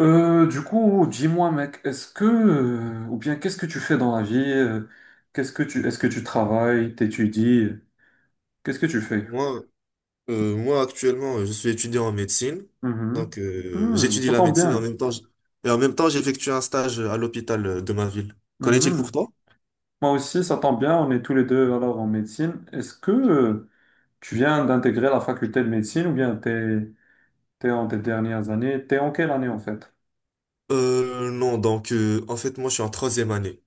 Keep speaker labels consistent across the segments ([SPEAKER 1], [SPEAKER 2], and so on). [SPEAKER 1] Dis-moi, mec, ou bien qu'est-ce que tu fais dans la vie? Est-ce que tu travailles, t'étudies? Qu'est-ce que tu fais?
[SPEAKER 2] Moi, moi actuellement, je suis étudiant en médecine.
[SPEAKER 1] Mhm.
[SPEAKER 2] Donc,
[SPEAKER 1] Hmm,
[SPEAKER 2] j'étudie
[SPEAKER 1] ça
[SPEAKER 2] la
[SPEAKER 1] tombe
[SPEAKER 2] médecine et en
[SPEAKER 1] bien.
[SPEAKER 2] même temps, et en même temps, j'effectue un stage à l'hôpital de ma ville. Qu'en est-il pour
[SPEAKER 1] Mhm.
[SPEAKER 2] toi?
[SPEAKER 1] Moi aussi, ça tombe bien. On est tous les deux alors en médecine. Tu viens d'intégrer la faculté de médecine ou bien t'es en tes dernières années? T'es en quelle année en fait?
[SPEAKER 2] Non, donc, en fait, moi, je suis en troisième année.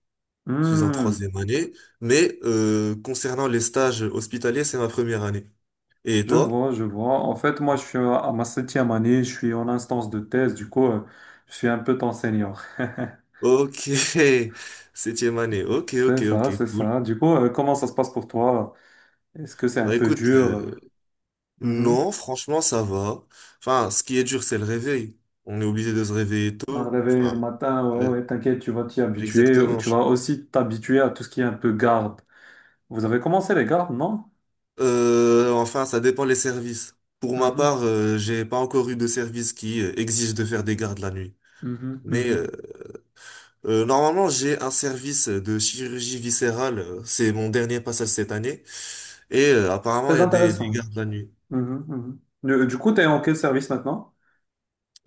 [SPEAKER 2] Je suis en
[SPEAKER 1] Hmm,
[SPEAKER 2] troisième année, mais concernant les stages hospitaliers, c'est ma première année. Et toi?
[SPEAKER 1] je vois. En fait, moi, je suis à ma septième année. Je suis en instance de thèse. Je suis un peu ton senior.
[SPEAKER 2] Ok, septième année. Ok, ok, ok,
[SPEAKER 1] C'est
[SPEAKER 2] cool.
[SPEAKER 1] ça. Comment ça se passe pour toi? Est-ce que c'est un
[SPEAKER 2] Bah
[SPEAKER 1] peu
[SPEAKER 2] écoute,
[SPEAKER 1] dur? Mhm.
[SPEAKER 2] non, franchement, ça va. Enfin, ce qui est dur, c'est le réveil. On est obligé de se réveiller
[SPEAKER 1] Un
[SPEAKER 2] tôt.
[SPEAKER 1] réveil
[SPEAKER 2] Enfin,
[SPEAKER 1] le matin, ouais,
[SPEAKER 2] le-
[SPEAKER 1] ouais, t'inquiète, tu vas t'y habituer.
[SPEAKER 2] exactement.
[SPEAKER 1] Tu vas aussi t'habituer à tout ce qui est un peu garde. Vous avez commencé les gardes, non?
[SPEAKER 2] Enfin, ça dépend les services. Pour ma
[SPEAKER 1] Mhm,
[SPEAKER 2] part, j'ai pas encore eu de service qui exige de faire des gardes la nuit. Mais euh,
[SPEAKER 1] mhm.
[SPEAKER 2] normalement, j'ai un service de chirurgie viscérale. C'est mon dernier passage cette année. Et apparemment, il
[SPEAKER 1] Très
[SPEAKER 2] y a des
[SPEAKER 1] intéressant.
[SPEAKER 2] gardes la nuit.
[SPEAKER 1] Mhm. Du coup, t'es en quel service maintenant?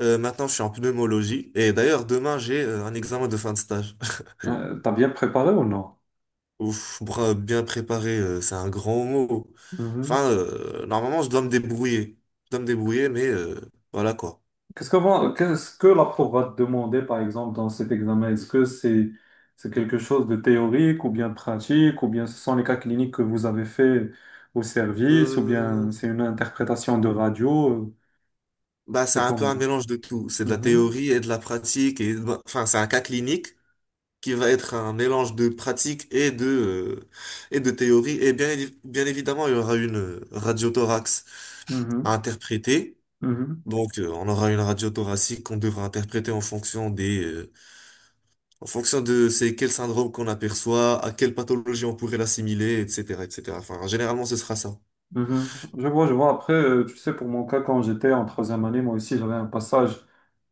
[SPEAKER 2] Maintenant, je suis en pneumologie. Et d'ailleurs, demain, j'ai un examen de fin de stage.
[SPEAKER 1] T'as bien préparé ou non?
[SPEAKER 2] Ouf, bien préparé, c'est un grand mot. Enfin, normalement, je dois me débrouiller. Je dois me débrouiller, mais voilà quoi.
[SPEAKER 1] Qu'est-ce que la prof va te demander, par exemple, dans cet examen? Est-ce que c'est quelque chose de théorique ou bien pratique, ou bien ce sont les cas cliniques que vous avez fait au service, ou
[SPEAKER 2] Euh,
[SPEAKER 1] bien c'est une interprétation de radio? euh,
[SPEAKER 2] c'est
[SPEAKER 1] C'est
[SPEAKER 2] un peu un
[SPEAKER 1] comment?
[SPEAKER 2] mélange de tout. C'est de la
[SPEAKER 1] Mhm,
[SPEAKER 2] théorie et de la pratique. Et, bah, enfin, c'est un cas clinique qui va être un mélange de pratique et et de théorie. Et bien, bien évidemment, il y aura une radiothorax à
[SPEAKER 1] mhm,
[SPEAKER 2] interpréter.
[SPEAKER 1] mhm,
[SPEAKER 2] Donc, on aura une radio thoracique qu'on devra interpréter en fonction en fonction de c'est quel syndrome qu'on aperçoit, à quelle pathologie on pourrait l'assimiler, etc., etc. Enfin, généralement, ce sera ça.
[SPEAKER 1] mhm. Je vois, je vois. Tu sais, pour mon cas, quand j'étais en troisième année, moi aussi, j'avais un passage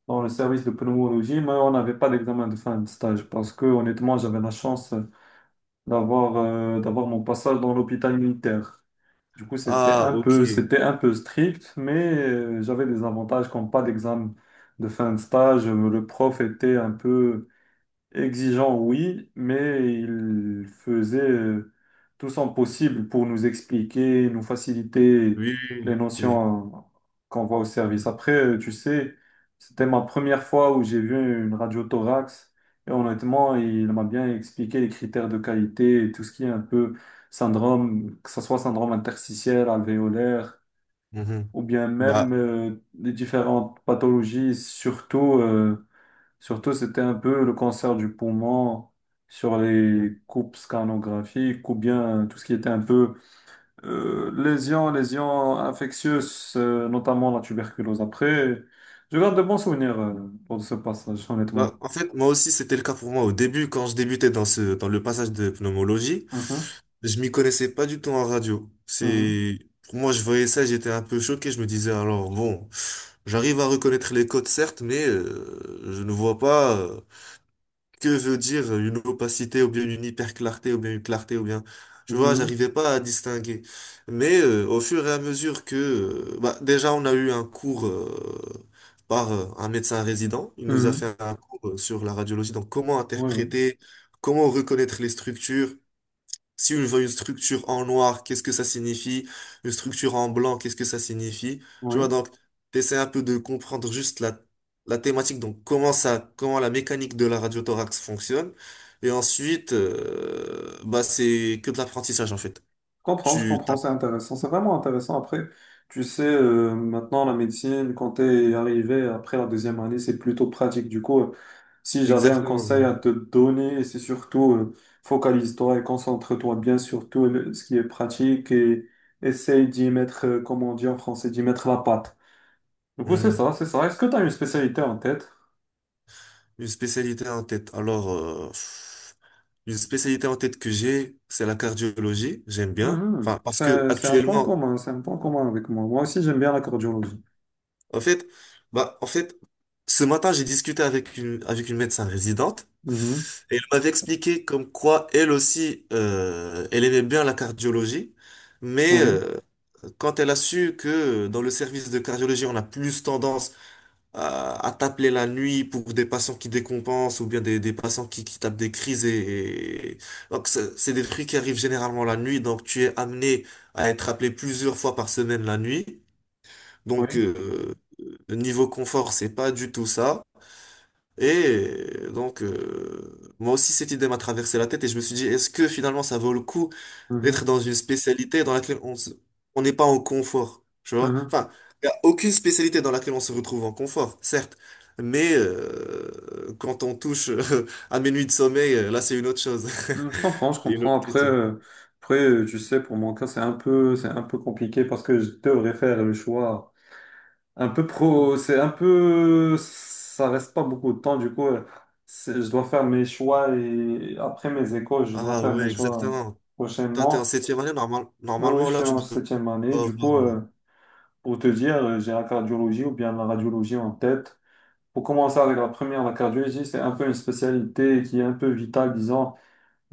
[SPEAKER 1] dans le service de pneumologie, mais on n'avait pas d'examen de fin de stage parce que, honnêtement, j'avais la chance d'avoir mon passage dans l'hôpital militaire. Du coup, c'était
[SPEAKER 2] Ah,
[SPEAKER 1] un
[SPEAKER 2] ok.
[SPEAKER 1] peu,
[SPEAKER 2] Oui,
[SPEAKER 1] c'était un peu strict, mais j'avais des avantages comme pas d'examen de fin de stage. Le prof était un peu exigeant, oui, mais il faisait tout son possible pour nous expliquer, nous faciliter
[SPEAKER 2] oui,
[SPEAKER 1] les
[SPEAKER 2] oui.
[SPEAKER 1] notions euh, qu'on voit au service. Tu sais, c'était ma première fois où j'ai vu une radio thorax et honnêtement, il m'a bien expliqué les critères de qualité et tout ce qui est un peu syndrome, que ce soit syndrome interstitiel, alvéolaire
[SPEAKER 2] Mhm.
[SPEAKER 1] ou bien même
[SPEAKER 2] Bah,
[SPEAKER 1] euh, les différentes pathologies, surtout. Surtout, c'était un peu le cancer du poumon sur
[SPEAKER 2] mm,
[SPEAKER 1] les coupes scanographiques ou bien tout ce qui était un peu lésions, lésions infectieuses, notamment la tuberculose. Je garde de bons souvenirs pour ce passage,
[SPEAKER 2] bah,
[SPEAKER 1] honnêtement.
[SPEAKER 2] en fait, moi aussi, c'était le cas pour moi au début, quand je débutais dans dans le passage de pneumologie,
[SPEAKER 1] Mhm,
[SPEAKER 2] je m'y connaissais pas du tout en radio.
[SPEAKER 1] mhm,
[SPEAKER 2] C'est, pour moi, je voyais ça, j'étais un peu choqué. Je me disais, alors, bon, j'arrive à reconnaître les codes, certes, mais je ne vois pas. Que veut dire une opacité ou bien une hyperclarté ou bien une clarté ou bien tu vois
[SPEAKER 1] mhm.
[SPEAKER 2] j'arrivais pas à distinguer, mais au fur et à mesure que bah, déjà on a eu un cours par un médecin résident, il nous a
[SPEAKER 1] Mhm.
[SPEAKER 2] fait un cours sur la radiologie, donc comment
[SPEAKER 1] Oui, oui.
[SPEAKER 2] interpréter, comment reconnaître les structures. Si je vois une structure en noir, qu'est-ce que ça signifie? Une structure en blanc, qu'est-ce que ça signifie? Tu vois,
[SPEAKER 1] Oui.
[SPEAKER 2] donc, t'essaies un peu de comprendre juste la thématique, donc comment la mécanique de la radiothorax fonctionne. Et ensuite, c'est que de l'apprentissage, en fait.
[SPEAKER 1] Je
[SPEAKER 2] Tu
[SPEAKER 1] comprends,
[SPEAKER 2] tapes
[SPEAKER 1] c'est intéressant, c'est vraiment intéressant. Tu sais, maintenant la médecine, quand t'es arrivé après la deuxième année, c'est plutôt pratique. Si j'avais un conseil
[SPEAKER 2] exactement.
[SPEAKER 1] à te donner, c'est surtout focalise-toi et concentre-toi bien sur ce qui est pratique et essaye d'y mettre, comme on dit en français, d'y mettre la patte. Du coup, c'est
[SPEAKER 2] Mhm.
[SPEAKER 1] ça, c'est ça. Est-ce que tu as une spécialité en tête?
[SPEAKER 2] Une spécialité en tête. Alors, pff, une spécialité en tête que j'ai, c'est la cardiologie. J'aime bien.
[SPEAKER 1] Mhm.
[SPEAKER 2] Enfin, parce que
[SPEAKER 1] C'est un point
[SPEAKER 2] actuellement,
[SPEAKER 1] commun, c'est un point commun avec moi. Moi aussi, j'aime bien la cardiologie.
[SPEAKER 2] en fait, bah, en fait, ce matin, j'ai discuté avec avec une médecin résidente
[SPEAKER 1] Mhm.
[SPEAKER 2] et elle m'avait expliqué comme quoi elle aussi, elle aimait bien la cardiologie, mais
[SPEAKER 1] Oui,
[SPEAKER 2] quand elle a su que dans le service de cardiologie, on a plus tendance à t'appeler la nuit pour des patients qui décompensent ou bien des patients qui tapent des crises donc c'est des trucs qui arrivent généralement la nuit, donc tu es amené à être appelé plusieurs fois par semaine la nuit. Donc,
[SPEAKER 1] oui.
[SPEAKER 2] niveau confort, c'est pas du tout ça. Et donc, moi aussi, cette idée m'a traversé la tête et je me suis dit, est-ce que finalement, ça vaut le coup d'être
[SPEAKER 1] Mhm.
[SPEAKER 2] dans une spécialité dans laquelle on n'est pas en confort, tu vois?
[SPEAKER 1] Mhm.
[SPEAKER 2] Enfin, il n'y a aucune spécialité dans laquelle on se retrouve en confort, certes, mais quand on touche à mes nuits de sommeil, là, c'est une autre chose.
[SPEAKER 1] Hmm, je comprends, je
[SPEAKER 2] C'est une
[SPEAKER 1] comprends.
[SPEAKER 2] autre
[SPEAKER 1] Après,
[SPEAKER 2] question.
[SPEAKER 1] euh, après, euh, tu sais, pour mon cas, c'est un peu compliqué parce que je devrais faire le choix un peu pro. C'est un peu, ça reste pas beaucoup de temps. Du coup, je dois faire mes choix et après mes écoles, je dois
[SPEAKER 2] Ah
[SPEAKER 1] faire mes
[SPEAKER 2] ouais,
[SPEAKER 1] choix
[SPEAKER 2] exactement. Toi, t'es en
[SPEAKER 1] prochainement.
[SPEAKER 2] septième année,
[SPEAKER 1] Oui, oui,
[SPEAKER 2] normalement,
[SPEAKER 1] je suis
[SPEAKER 2] là, tu
[SPEAKER 1] en
[SPEAKER 2] dois
[SPEAKER 1] septième année.
[SPEAKER 2] avoir...
[SPEAKER 1] Du coup, euh, pour te dire, euh, j'ai la cardiologie ou bien la radiologie en tête. Pour commencer avec la première, la cardiologie, c'est un peu une spécialité qui est un peu vitale, disons.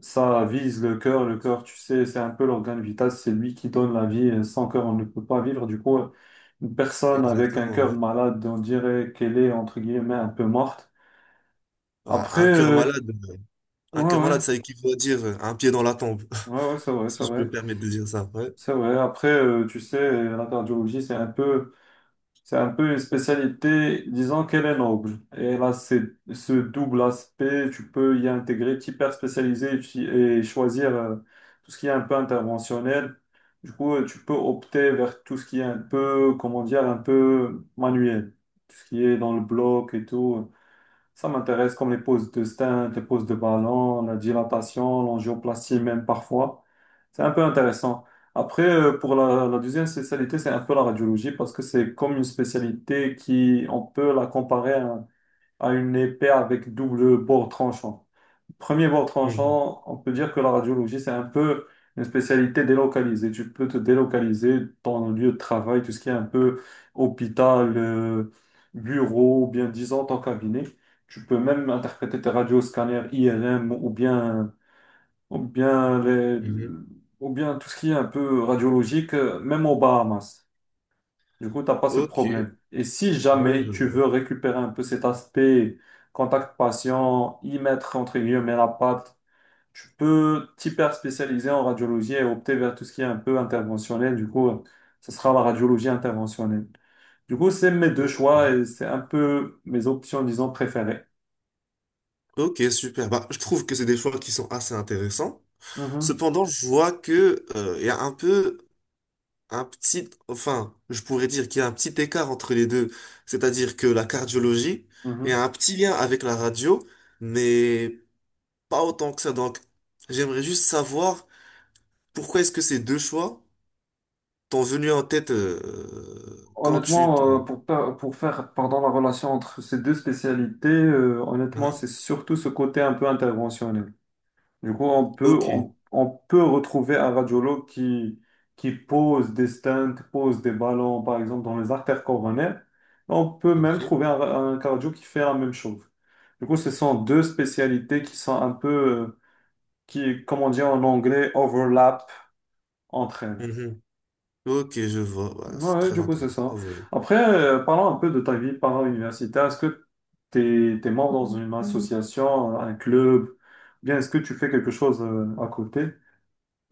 [SPEAKER 1] Ça vise le cœur. Le cœur, tu sais, c'est un peu l'organe vital. C'est lui qui donne la vie. Et sans cœur, on ne peut pas vivre. Du coup, une personne avec un
[SPEAKER 2] Exactement,
[SPEAKER 1] cœur
[SPEAKER 2] ouais.
[SPEAKER 1] malade, on dirait qu'elle est, entre guillemets, un peu morte.
[SPEAKER 2] Ah,
[SPEAKER 1] Après,
[SPEAKER 2] un cœur
[SPEAKER 1] euh,
[SPEAKER 2] malade,
[SPEAKER 1] ouais,
[SPEAKER 2] un cœur
[SPEAKER 1] ouais,
[SPEAKER 2] malade, ça équivaut à dire un pied dans la tombe,
[SPEAKER 1] ouais, ouais, c'est vrai, c'est
[SPEAKER 2] si je peux
[SPEAKER 1] vrai.
[SPEAKER 2] me permettre de dire ça. Ouais.
[SPEAKER 1] C'est vrai. Tu sais, la cardiologie, c'est un peu une spécialité, disons qu'elle est noble. Et elle a ce double aspect, tu peux y intégrer, t'hyper spécialiser et choisir tout ce qui est un peu interventionnel. Tu peux opter vers tout ce qui est un peu, comment dire, un peu manuel. Tout ce qui est dans le bloc et tout. Ça m'intéresse comme les poses de stint, les poses de ballon, la dilatation, l'angioplastie même parfois. C'est un peu intéressant. Pour la deuxième spécialité, c'est un peu la radiologie parce que c'est comme une spécialité qui, on peut la comparer à une épée avec double bord tranchant. Premier bord
[SPEAKER 2] Mhm,
[SPEAKER 1] tranchant, on peut dire que la radiologie, c'est un peu une spécialité délocalisée. Tu peux te délocaliser dans le lieu de travail, tout ce qui est un peu hôpital, bureau, ou bien disant ton cabinet. Tu peux même interpréter tes radios, scanners, IRM ou bien, les-
[SPEAKER 2] mhm.
[SPEAKER 1] ou bien tout ce qui est un peu radiologique, même aux Bahamas. Du coup, tu n'as pas ce
[SPEAKER 2] Ok,
[SPEAKER 1] problème. Et si
[SPEAKER 2] ouais,
[SPEAKER 1] jamais
[SPEAKER 2] je
[SPEAKER 1] tu
[SPEAKER 2] vois.
[SPEAKER 1] veux récupérer un peu cet aspect contact patient, y mettre entre guillemets la patte, tu peux t'hyper spécialiser en radiologie et opter vers tout ce qui est un peu interventionnel. Ce sera la radiologie interventionnelle. Du coup, c'est mes deux
[SPEAKER 2] Ok,
[SPEAKER 1] choix et c'est un peu mes options, disons, préférées.
[SPEAKER 2] ok, super. Bah, je trouve que c'est des choix qui sont assez intéressants.
[SPEAKER 1] Mhm,
[SPEAKER 2] Cependant, je vois que il y a un peu un petit, enfin, je pourrais dire qu'il y a un petit écart entre les deux. C'est-à-dire que la cardiologie, il y a
[SPEAKER 1] mhm.
[SPEAKER 2] un petit lien avec la radio, mais pas autant que ça. Donc, j'aimerais juste savoir pourquoi est-ce que ces deux choix t'ont venu en tête quand tu te...
[SPEAKER 1] Pour faire pardon, la relation entre ces deux spécialités, honnêtement,
[SPEAKER 2] Hein?
[SPEAKER 1] c'est surtout ce côté un peu interventionnel. Du coup, on peut,
[SPEAKER 2] Ok,
[SPEAKER 1] on, on peut retrouver un radiologue qui pose des stents, pose des ballons, par exemple, dans les artères coronaires. On peut même
[SPEAKER 2] ok.
[SPEAKER 1] trouver un, un cardio qui fait la même chose. Ce sont deux spécialités qui sont un peu, comme on dit en anglais, overlap entre elles.
[SPEAKER 2] Mhm. Ok, je vois. Voilà, c'est
[SPEAKER 1] Ouais,
[SPEAKER 2] très
[SPEAKER 1] du coup, c'est
[SPEAKER 2] intéressant
[SPEAKER 1] ça.
[SPEAKER 2] en vrai.
[SPEAKER 1] Parlons un peu de ta vie para-universitaire. Est-ce que tu es membre dans une association, un club, ou bien est-ce que tu fais quelque chose à côté?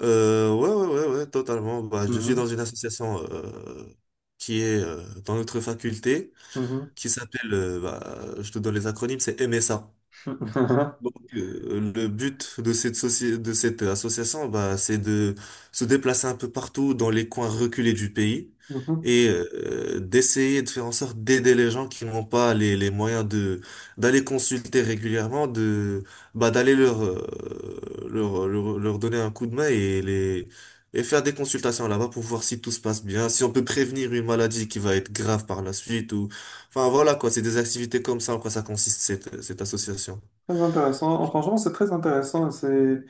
[SPEAKER 2] Ouais, ouais, ouais, ouais, totalement. Bah, je suis
[SPEAKER 1] Mhm,
[SPEAKER 2] dans une association qui est dans notre faculté,
[SPEAKER 1] mhm.
[SPEAKER 2] qui s'appelle, bah, je te donne les acronymes, c'est MSA. Donc, le but de de cette association, bah, c'est de se déplacer un peu partout dans les coins reculés du pays
[SPEAKER 1] Mhm.
[SPEAKER 2] et d'essayer de faire en sorte d'aider les gens qui n'ont pas les moyens de d'aller consulter régulièrement, de bah, d'aller leur donner un coup de main et les et faire des consultations là-bas pour voir si tout se passe bien, si on peut prévenir une maladie qui va être grave par la suite ou enfin voilà quoi, c'est des activités comme ça en quoi ça consiste cette association.
[SPEAKER 1] Très intéressant. Oh, franchement, c'est très intéressant. C'est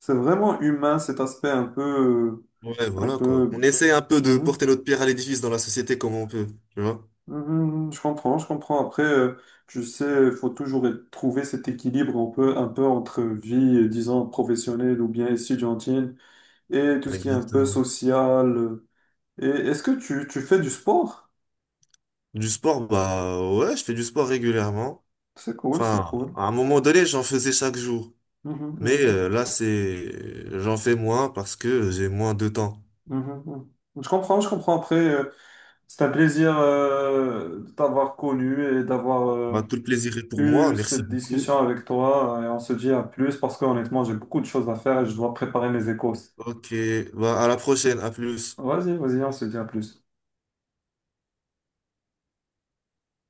[SPEAKER 1] c'est vraiment humain cet aspect un peu,
[SPEAKER 2] Ouais,
[SPEAKER 1] un
[SPEAKER 2] voilà quoi. On
[SPEAKER 1] peu.
[SPEAKER 2] essaie un peu de
[SPEAKER 1] Mhm.
[SPEAKER 2] porter notre pierre à l'édifice dans la société comme on peut, tu vois?
[SPEAKER 1] Mhm. Je comprends, je comprends. Tu sais, il faut toujours trouver cet équilibre un peu entre vie, disons professionnelle ou bien étudiantine et tout ce qui est un peu
[SPEAKER 2] Exactement.
[SPEAKER 1] social. Et est-ce que tu fais du sport?
[SPEAKER 2] Du sport, bah ouais, je fais du sport régulièrement.
[SPEAKER 1] C'est cool, c'est
[SPEAKER 2] Enfin,
[SPEAKER 1] cool.
[SPEAKER 2] à un moment donné, j'en faisais chaque jour.
[SPEAKER 1] Mhm,
[SPEAKER 2] Mais
[SPEAKER 1] mhm.
[SPEAKER 2] là, c'est j'en fais moins parce que j'ai moins de temps.
[SPEAKER 1] Mhm, mhm. Je comprends, je comprends. Après. C'est un plaisir de t'avoir connu et d'avoir
[SPEAKER 2] Bah, tout le plaisir est pour moi.
[SPEAKER 1] eu
[SPEAKER 2] Merci
[SPEAKER 1] cette
[SPEAKER 2] beaucoup.
[SPEAKER 1] discussion avec toi. Et on se dit à plus parce que honnêtement, j'ai beaucoup de choses à faire et je dois préparer mes échos.
[SPEAKER 2] Ok, bah à la prochaine, à plus.
[SPEAKER 1] Vas-y, vas-y, on se dit à plus.